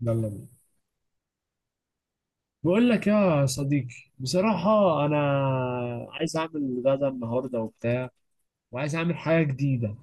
يلا بينا. بقول لك يا صديقي، بصراحة أنا عايز أعمل غدا النهاردة وبتاع، وعايز أعمل حاجة جديدة.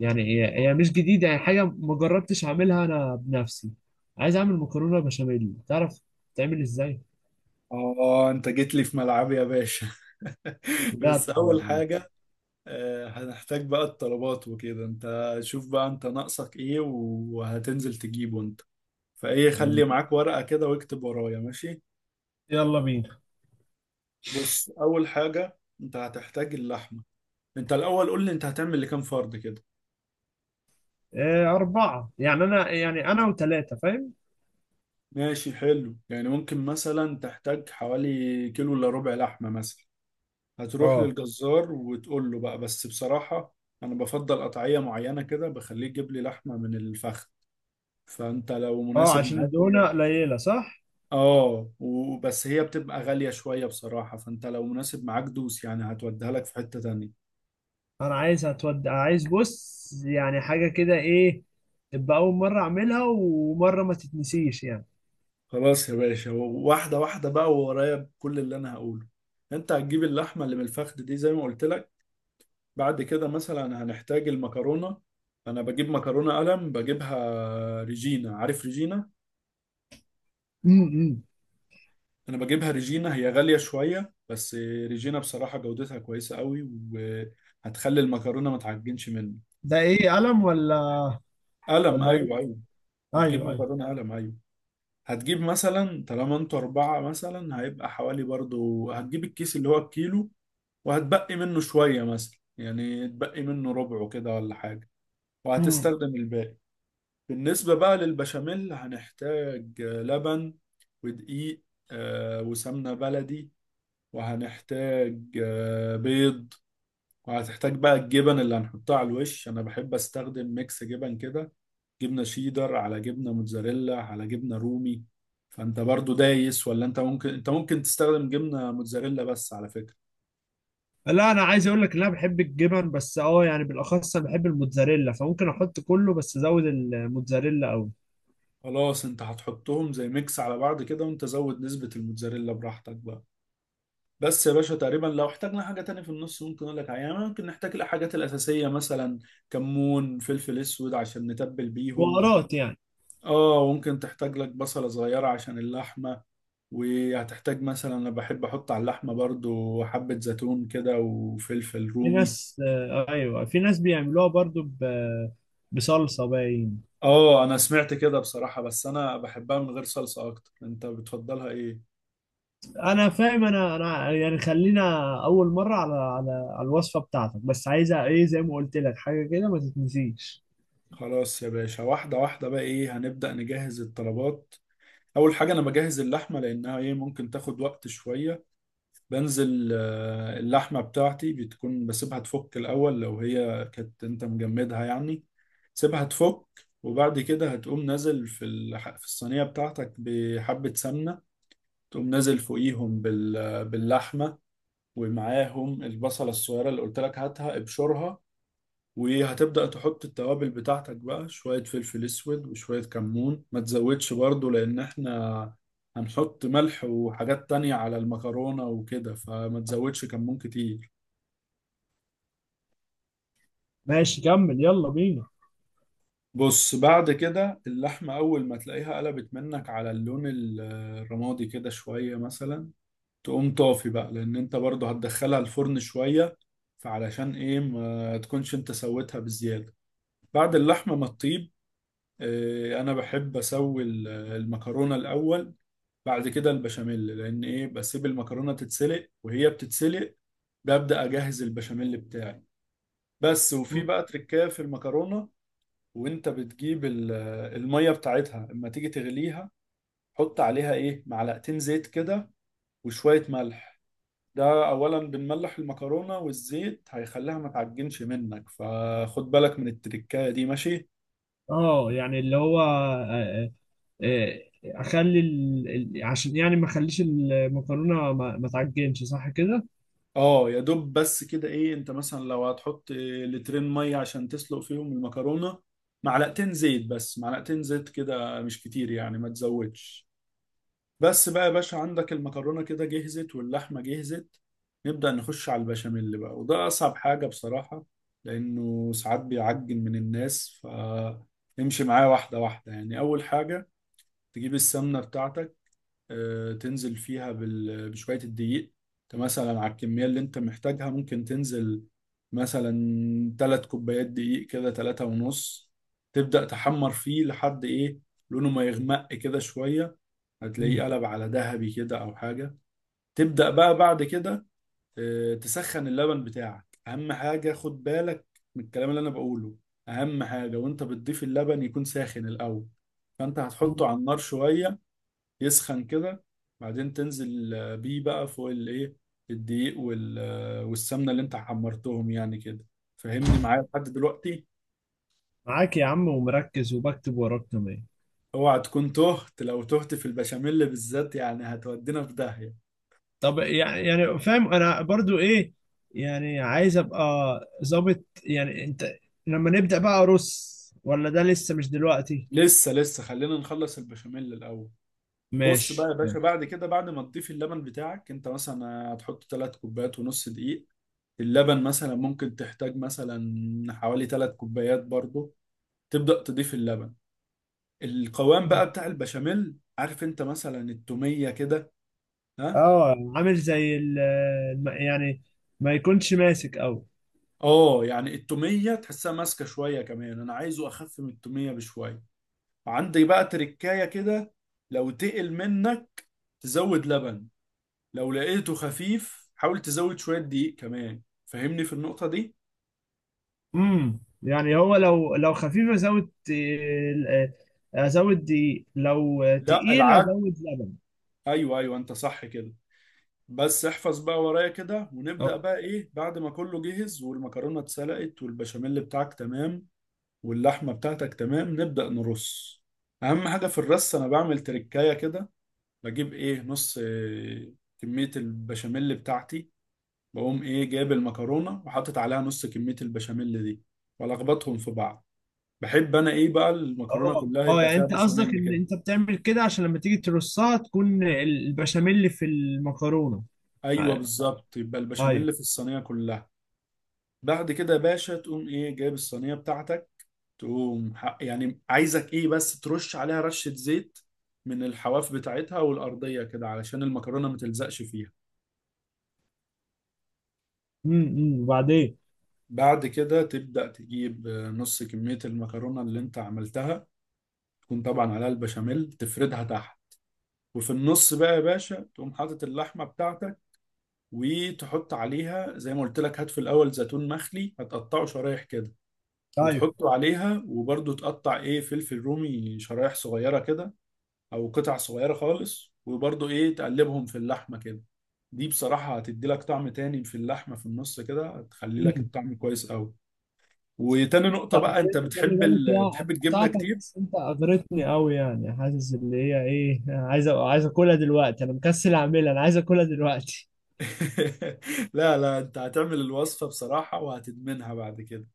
يعني هي مش جديدة، يعني حاجة ما جربتش أعملها أنا بنفسي. عايز أعمل مكرونة بشاميل. تعرف تعمل إزاي؟ اه، انت جيت لي في ملعبي يا باشا. بس بجد اول والله. حاجة، هنحتاج بقى الطلبات وكده. انت شوف بقى انت ناقصك ايه وهتنزل تجيبه انت، فايه خلي معاك ورقة كده واكتب ورايا. ماشي، يلا بينا. بص اول حاجة انت هتحتاج اللحمة. انت الاول قول لي انت هتعمل لكام فرد كده؟ إيه، أربعة، يعني أنا وتلاتة، فاهم؟ ماشي، حلو. يعني ممكن مثلا تحتاج حوالي كيلو الا ربع لحمة مثلا. هتروح أه. للجزار وتقول له بقى، بس بصراحة أنا بفضل قطعية معينة كده، بخليه يجيب لي لحمة من الفخذ، فأنت لو أه، مناسب عشان معاك الدهونة هي. قليلة صح؟ آه، وبس هي بتبقى غالية شوية بصراحة، فأنت لو مناسب معاك دوس، يعني هتوديها لك في حتة تانية. انا عايز هتودع، عايز بص، يعني حاجه كده، ايه تبقى اول مره اعملها، ومره ما تتنسيش يعني. خلاص يا باشا، واحدة واحدة بقى، وورايا كل اللي أنا هقوله. أنت هتجيب اللحمة اللي من الفخذ دي زي ما قلت لك. بعد كده مثلا هنحتاج المكرونة. أنا بجيب مكرونة قلم، بجيبها ريجينا، عارف ريجينا؟ امم. انا بجيبها ريجينا، هي غالية شوية بس ريجينا بصراحة جودتها كويسة قوي، وهتخلي المكرونة ما تعجنش منه. ده ايه، قلم ولا؟ قلم، ولا ايه؟ ايوه ايوه، هتجيب ايوه ايوه. مكرونة قلم ايوه. هتجيب مثلا طالما انتوا اربعة، مثلا هيبقى حوالي برضو، هتجيب الكيس اللي هو الكيلو، وهتبقي منه شوية، مثلا يعني تبقي منه ربعه كده ولا حاجة، امم. وهتستخدم الباقي. بالنسبة بقى للبشاميل، هنحتاج لبن ودقيق، وسمنة بلدي، وهنحتاج بيض. وهتحتاج بقى الجبن اللي هنحطها على الوش، انا بحب استخدم ميكس جبن كده، جبنه شيدر على جبنه موتزاريلا على جبنه رومي. فانت برضو دايس، ولا انت ممكن تستخدم جبنه موتزاريلا بس على فكره. لا، انا عايز اقول لك ان انا بحب الجبن بس، اه يعني بالاخص انا بحب الموتزاريلا، فممكن احط كله بس ازود الموتزاريلا قوي. خلاص، انت هتحطهم زي ميكس على بعض كده، وانت زود نسبه الموتزاريلا براحتك بقى. بس يا باشا، تقريبا لو احتاجنا حاجه تانية في النص ممكن اقول لك عليها. يعني ممكن نحتاج الحاجات الاساسيه مثلا، كمون، فلفل اسود، عشان نتبل بيهم. بهارات يعني. اه ممكن تحتاج لك بصله صغيره عشان اللحمه. وهتحتاج مثلا، انا بحب احط على اللحمه برضو حبه زيتون كده، وفلفل في رومي. ناس، ايوه، في ناس بيعملوها برضو بصلصه باين. اه انا سمعت كده بصراحه، بس انا بحبها من غير صلصه اكتر، انت بتفضلها ايه؟ انا فاهم. انا يعني خلينا اول مره، على الوصفه بتاعتك، بس عايزه ايه زي ما قلت لك، حاجه كده ما تتنسيش. خلاص يا باشا، واحده واحده بقى. ايه، هنبدا نجهز الطلبات. اول حاجه انا بجهز اللحمه، لانها ايه، ممكن تاخد وقت شويه. بنزل اللحمة بتاعتي بتكون بسيبها تفك الأول، لو هي كانت أنت مجمدها يعني، سيبها تفك. وبعد كده هتقوم نازل في الصينية بتاعتك بحبة سمنة، تقوم نازل فوقيهم باللحمة، ومعاهم البصلة الصغيرة اللي قلت لك هاتها ابشرها. وهتبدأ تحط التوابل بتاعتك بقى، شوية فلفل أسود وشوية كمون، ما تزودش برضو، لأن إحنا هنحط ملح وحاجات تانية على المكرونة وكده، فما تزودش كمون كتير. ماشي، كمل، يلا بينا. بص بعد كده اللحمة، أول ما تلاقيها قلبت منك على اللون الرمادي كده شوية مثلا، تقوم طافي بقى، لأن أنت برضو هتدخلها الفرن شوية، فعلشان إيه ما تكونش أنت سويتها بزيادة. بعد اللحمة ما تطيب، انا بحب اسوي المكرونه الاول. بعد كده البشاميل، لان ايه، بسيب المكرونه تتسلق وهي بتتسلق ببدا اجهز البشاميل بتاعي. بس وفي بقى تركايه في المكرونه، وانت بتجيب الميه بتاعتها اما تيجي تغليها، حط عليها ايه، معلقتين زيت كده، وشويه ملح. ده اولا بنملح المكرونه، والزيت هيخليها ما تعجنش منك، فخد بالك من التركايه دي ماشي. اه، يعني اللي هو آه، آه، اخلي ال... عشان يعني ما اخليش المكرونه ما تعجنش، صح كده. اه يا دوب، بس كده ايه، انت مثلا لو هتحط إيه لترين ميه عشان تسلق فيهم المكرونه، معلقتين زيت بس، معلقتين زيت كده مش كتير يعني، ما تزودش. بس بقى يا باشا، عندك المكرونه كده جهزت واللحمه جهزت، نبدأ نخش على البشاميل بقى، وده اصعب حاجه بصراحه، لانه ساعات بيعجن من الناس. فامشي معايا واحده واحده. يعني اول حاجه، تجيب السمنه بتاعتك، تنزل فيها بال- بشوية الدقيق. انت مثلا على الكمية اللي انت محتاجها ممكن تنزل مثلا تلات كوبايات دقيق كده، تلاتة ونص. تبدأ تحمر فيه لحد ايه، لونه ما يغمق كده شوية، مم. هتلاقيه قلب على ذهبي كده او حاجة. تبدأ بقى بعد كده تسخن اللبن بتاعك. اهم حاجة، خد بالك من الكلام اللي انا بقوله، اهم حاجة وانت بتضيف اللبن يكون ساخن الاول. فانت هتحطه على النار شوية يسخن كده، بعدين تنزل بيه بقى فوق الايه، الدقيق والسمنه اللي انت حمرتهم يعني كده. فهمني معايا لحد دلوقتي. معاك يا عم، ومركز وبكتب وراك كمان. اوعى تكون تهت، لو تهت في البشاميل بالذات يعني هتودينا في داهيه. طب، يعني فاهم. انا برضو ايه يعني، عايز ابقى ظابط يعني انت، لما نبدأ بقى ارص ولا ده لسه مش دلوقتي؟ لسه لسه، خلينا نخلص البشاميل الاول. بص بقى يا ماشي باشا، ماشي. بعد كده بعد ما تضيف اللبن بتاعك، انت مثلا هتحط ثلاث كوبايات ونص دقيق، اللبن مثلا ممكن تحتاج مثلا حوالي ثلاث كوبايات برضه. تبدأ تضيف اللبن، القوام بقى بتاع البشاميل، عارف انت مثلا التومية كده؟ ها. اه، عامل زي ال- يعني ما يكونش ماسك قوي. اه يعني التومية تحسها ماسكة شوية، كمان انا عايزه اخف من التومية بشوية، عندي بقى تركاية كده. لو تقل منك تزود لبن، لو لقيته خفيف حاول تزود شوية دقيق كمان. فهمني في النقطة دي. يعني هو لو خفيف ازود، ازود دي، لو لا تقيل العك، ازود لبن. ايوه ايوه انت صح كده. بس احفظ بقى ورايا كده، ونبدأ اه. بقى ايه بعد ما كله جهز والمكرونة اتسلقت والبشاميل بتاعك تمام واللحمة بتاعتك تمام، نبدأ نرص. أهم حاجة في الرص، أنا بعمل تركاية كده، بجيب إيه نص كمية البشاميل بتاعتي، بقوم إيه جايب المكرونة وحاطط عليها نص كمية البشاميل دي، وألخبطهم في بعض. بحب أنا إيه بقى المكرونة اه. كلها اه، يبقى يعني فيها انت قصدك بشاميل ان كده. انت بتعمل كده عشان لما تيجي ترصها تكون ال- البشاميل في المكرونة. أيوه بالظبط، يبقى ايوه. البشاميل في الصينية كلها. بعد كده يا باشا، تقوم إيه جايب الصينية بتاعتك، تقوم يعني عايزك ايه بس ترش عليها رشة زيت من الحواف بتاعتها والأرضية كده، علشان المكرونة ما تلزقش فيها. أمم. وبعدين؟ بعد كده تبدأ تجيب نص كمية المكرونة اللي انت عملتها، تكون طبعا عليها البشاميل، تفردها تحت. وفي النص بقى يا باشا، تقوم حاطط اللحمة بتاعتك، وتحط عليها زي ما قلت لك. هات في الأول زيتون مخلي، هتقطعه شرايح كده ايوه. وتحطه عليها، وبرضه تقطع ايه فلفل رومي شرايح صغيرة كده او قطع صغيره خالص، وبرضو ايه تقلبهم في اللحمه كده. دي بصراحه هتدي لك طعم تاني في اللحمه، في النص كده هتخلي لك امم. الطعم كويس قوي. وتاني نقطة بقى، انت خلي بتحب بالك، ال... لا بتحب الجبنة قطعتك، كتير. بس انت اغرتني قوي، يعني حاسس اللي هي ايه، عايز عايز اكلها دلوقتي. انا مكسل اعملها، انا عايز اكلها دلوقتي. لا لا، انت هتعمل الوصفة بصراحة وهتدمنها بعد كده.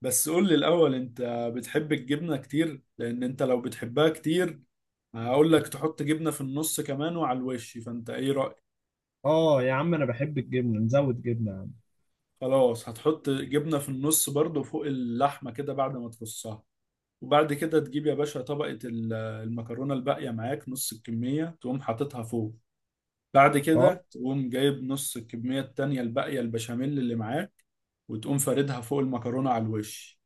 بس قول لي الاول انت بتحب الجبنة كتير، لان انت لو بتحبها كتير هقول لك تحط جبنة في النص كمان وعلى الوش، فانت ايه رأيك. اه يا عم، انا بحب الجبنه، نزود جبنه يا عم. خلاص، هتحط جبنة في النص برضو فوق اللحمة كده بعد ما تفصها. وبعد كده تجيب يا باشا طبقة المكرونة الباقية معاك، نص الكمية تقوم حاططها فوق. بعد اه. كده تقوم جايب نص الكمية التانية الباقية البشاميل اللي معاك، وتقوم فاردها فوق المكرونة على الوش.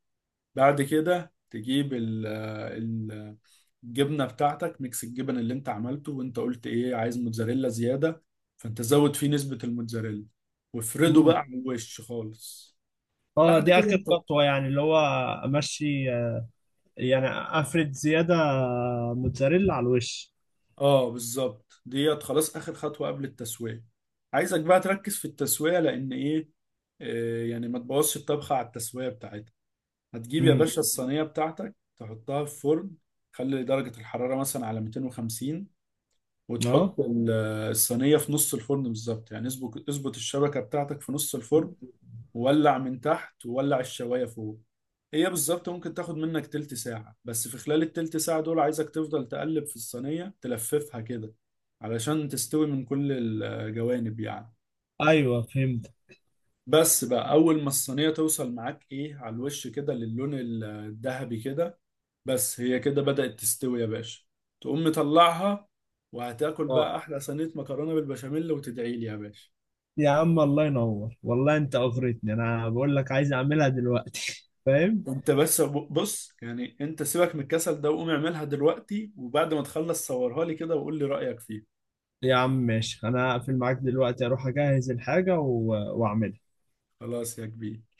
بعد كده تجيب الجبنة بتاعتك، ميكس الجبن اللي انت عملته، وانت قلت ايه عايز موتزاريلا زيادة، فانت زود فيه نسبة الموتزاريلا، وافرده امم. بقى على الوش خالص. اه، بعد دي كده اخر انت، خطوه، يعني اللي هو امشي، يعني افرد زياده موتزاريلا على الوش. اه بالظبط، ديت خلاص اخر خطوه قبل التسويه. عايزك بقى تركز في التسويه، لان ايه، يعني ما تبوظش الطبخه على التسويه بتاعتها. هتجيب يا امم. باشا الصينيه بتاعتك تحطها في فرن، خلي درجه الحراره مثلا على 250، اه، وتحط الصينيه في نص الفرن بالظبط، يعني اظبط الشبكه بتاعتك في نص الفرن، وولع من تحت وولع الشوايه فوق. هي بالظبط ممكن تاخد منك تلت ساعة، بس في خلال التلت ساعة دول عايزك تفضل تقلب في الصينية، تلففها كده علشان تستوي من كل الجوانب يعني. ايوه فهمت. بس بقى، أول ما الصينية توصل معاك إيه على الوش كده للون الذهبي كده، بس هي كده بدأت تستوي يا باشا، تقوم مطلعها، وهتاكل اه بقى أحلى صينية مكرونة بالبشاميل، وتدعيلي يا باشا. يا عم، الله ينور والله، انت اغرتني، انا بقول لك عايز اعملها دلوقتي. فاهم. انت بس، بص يعني، انت سيبك من الكسل ده وقوم اعملها دلوقتي، وبعد ما تخلص صورها لي كده وقول لي رأيك فيها. يا عم ماشي، انا هقفل معاك دلوقتي اروح اجهز الحاجة و... واعملها. خلاص يا كبير.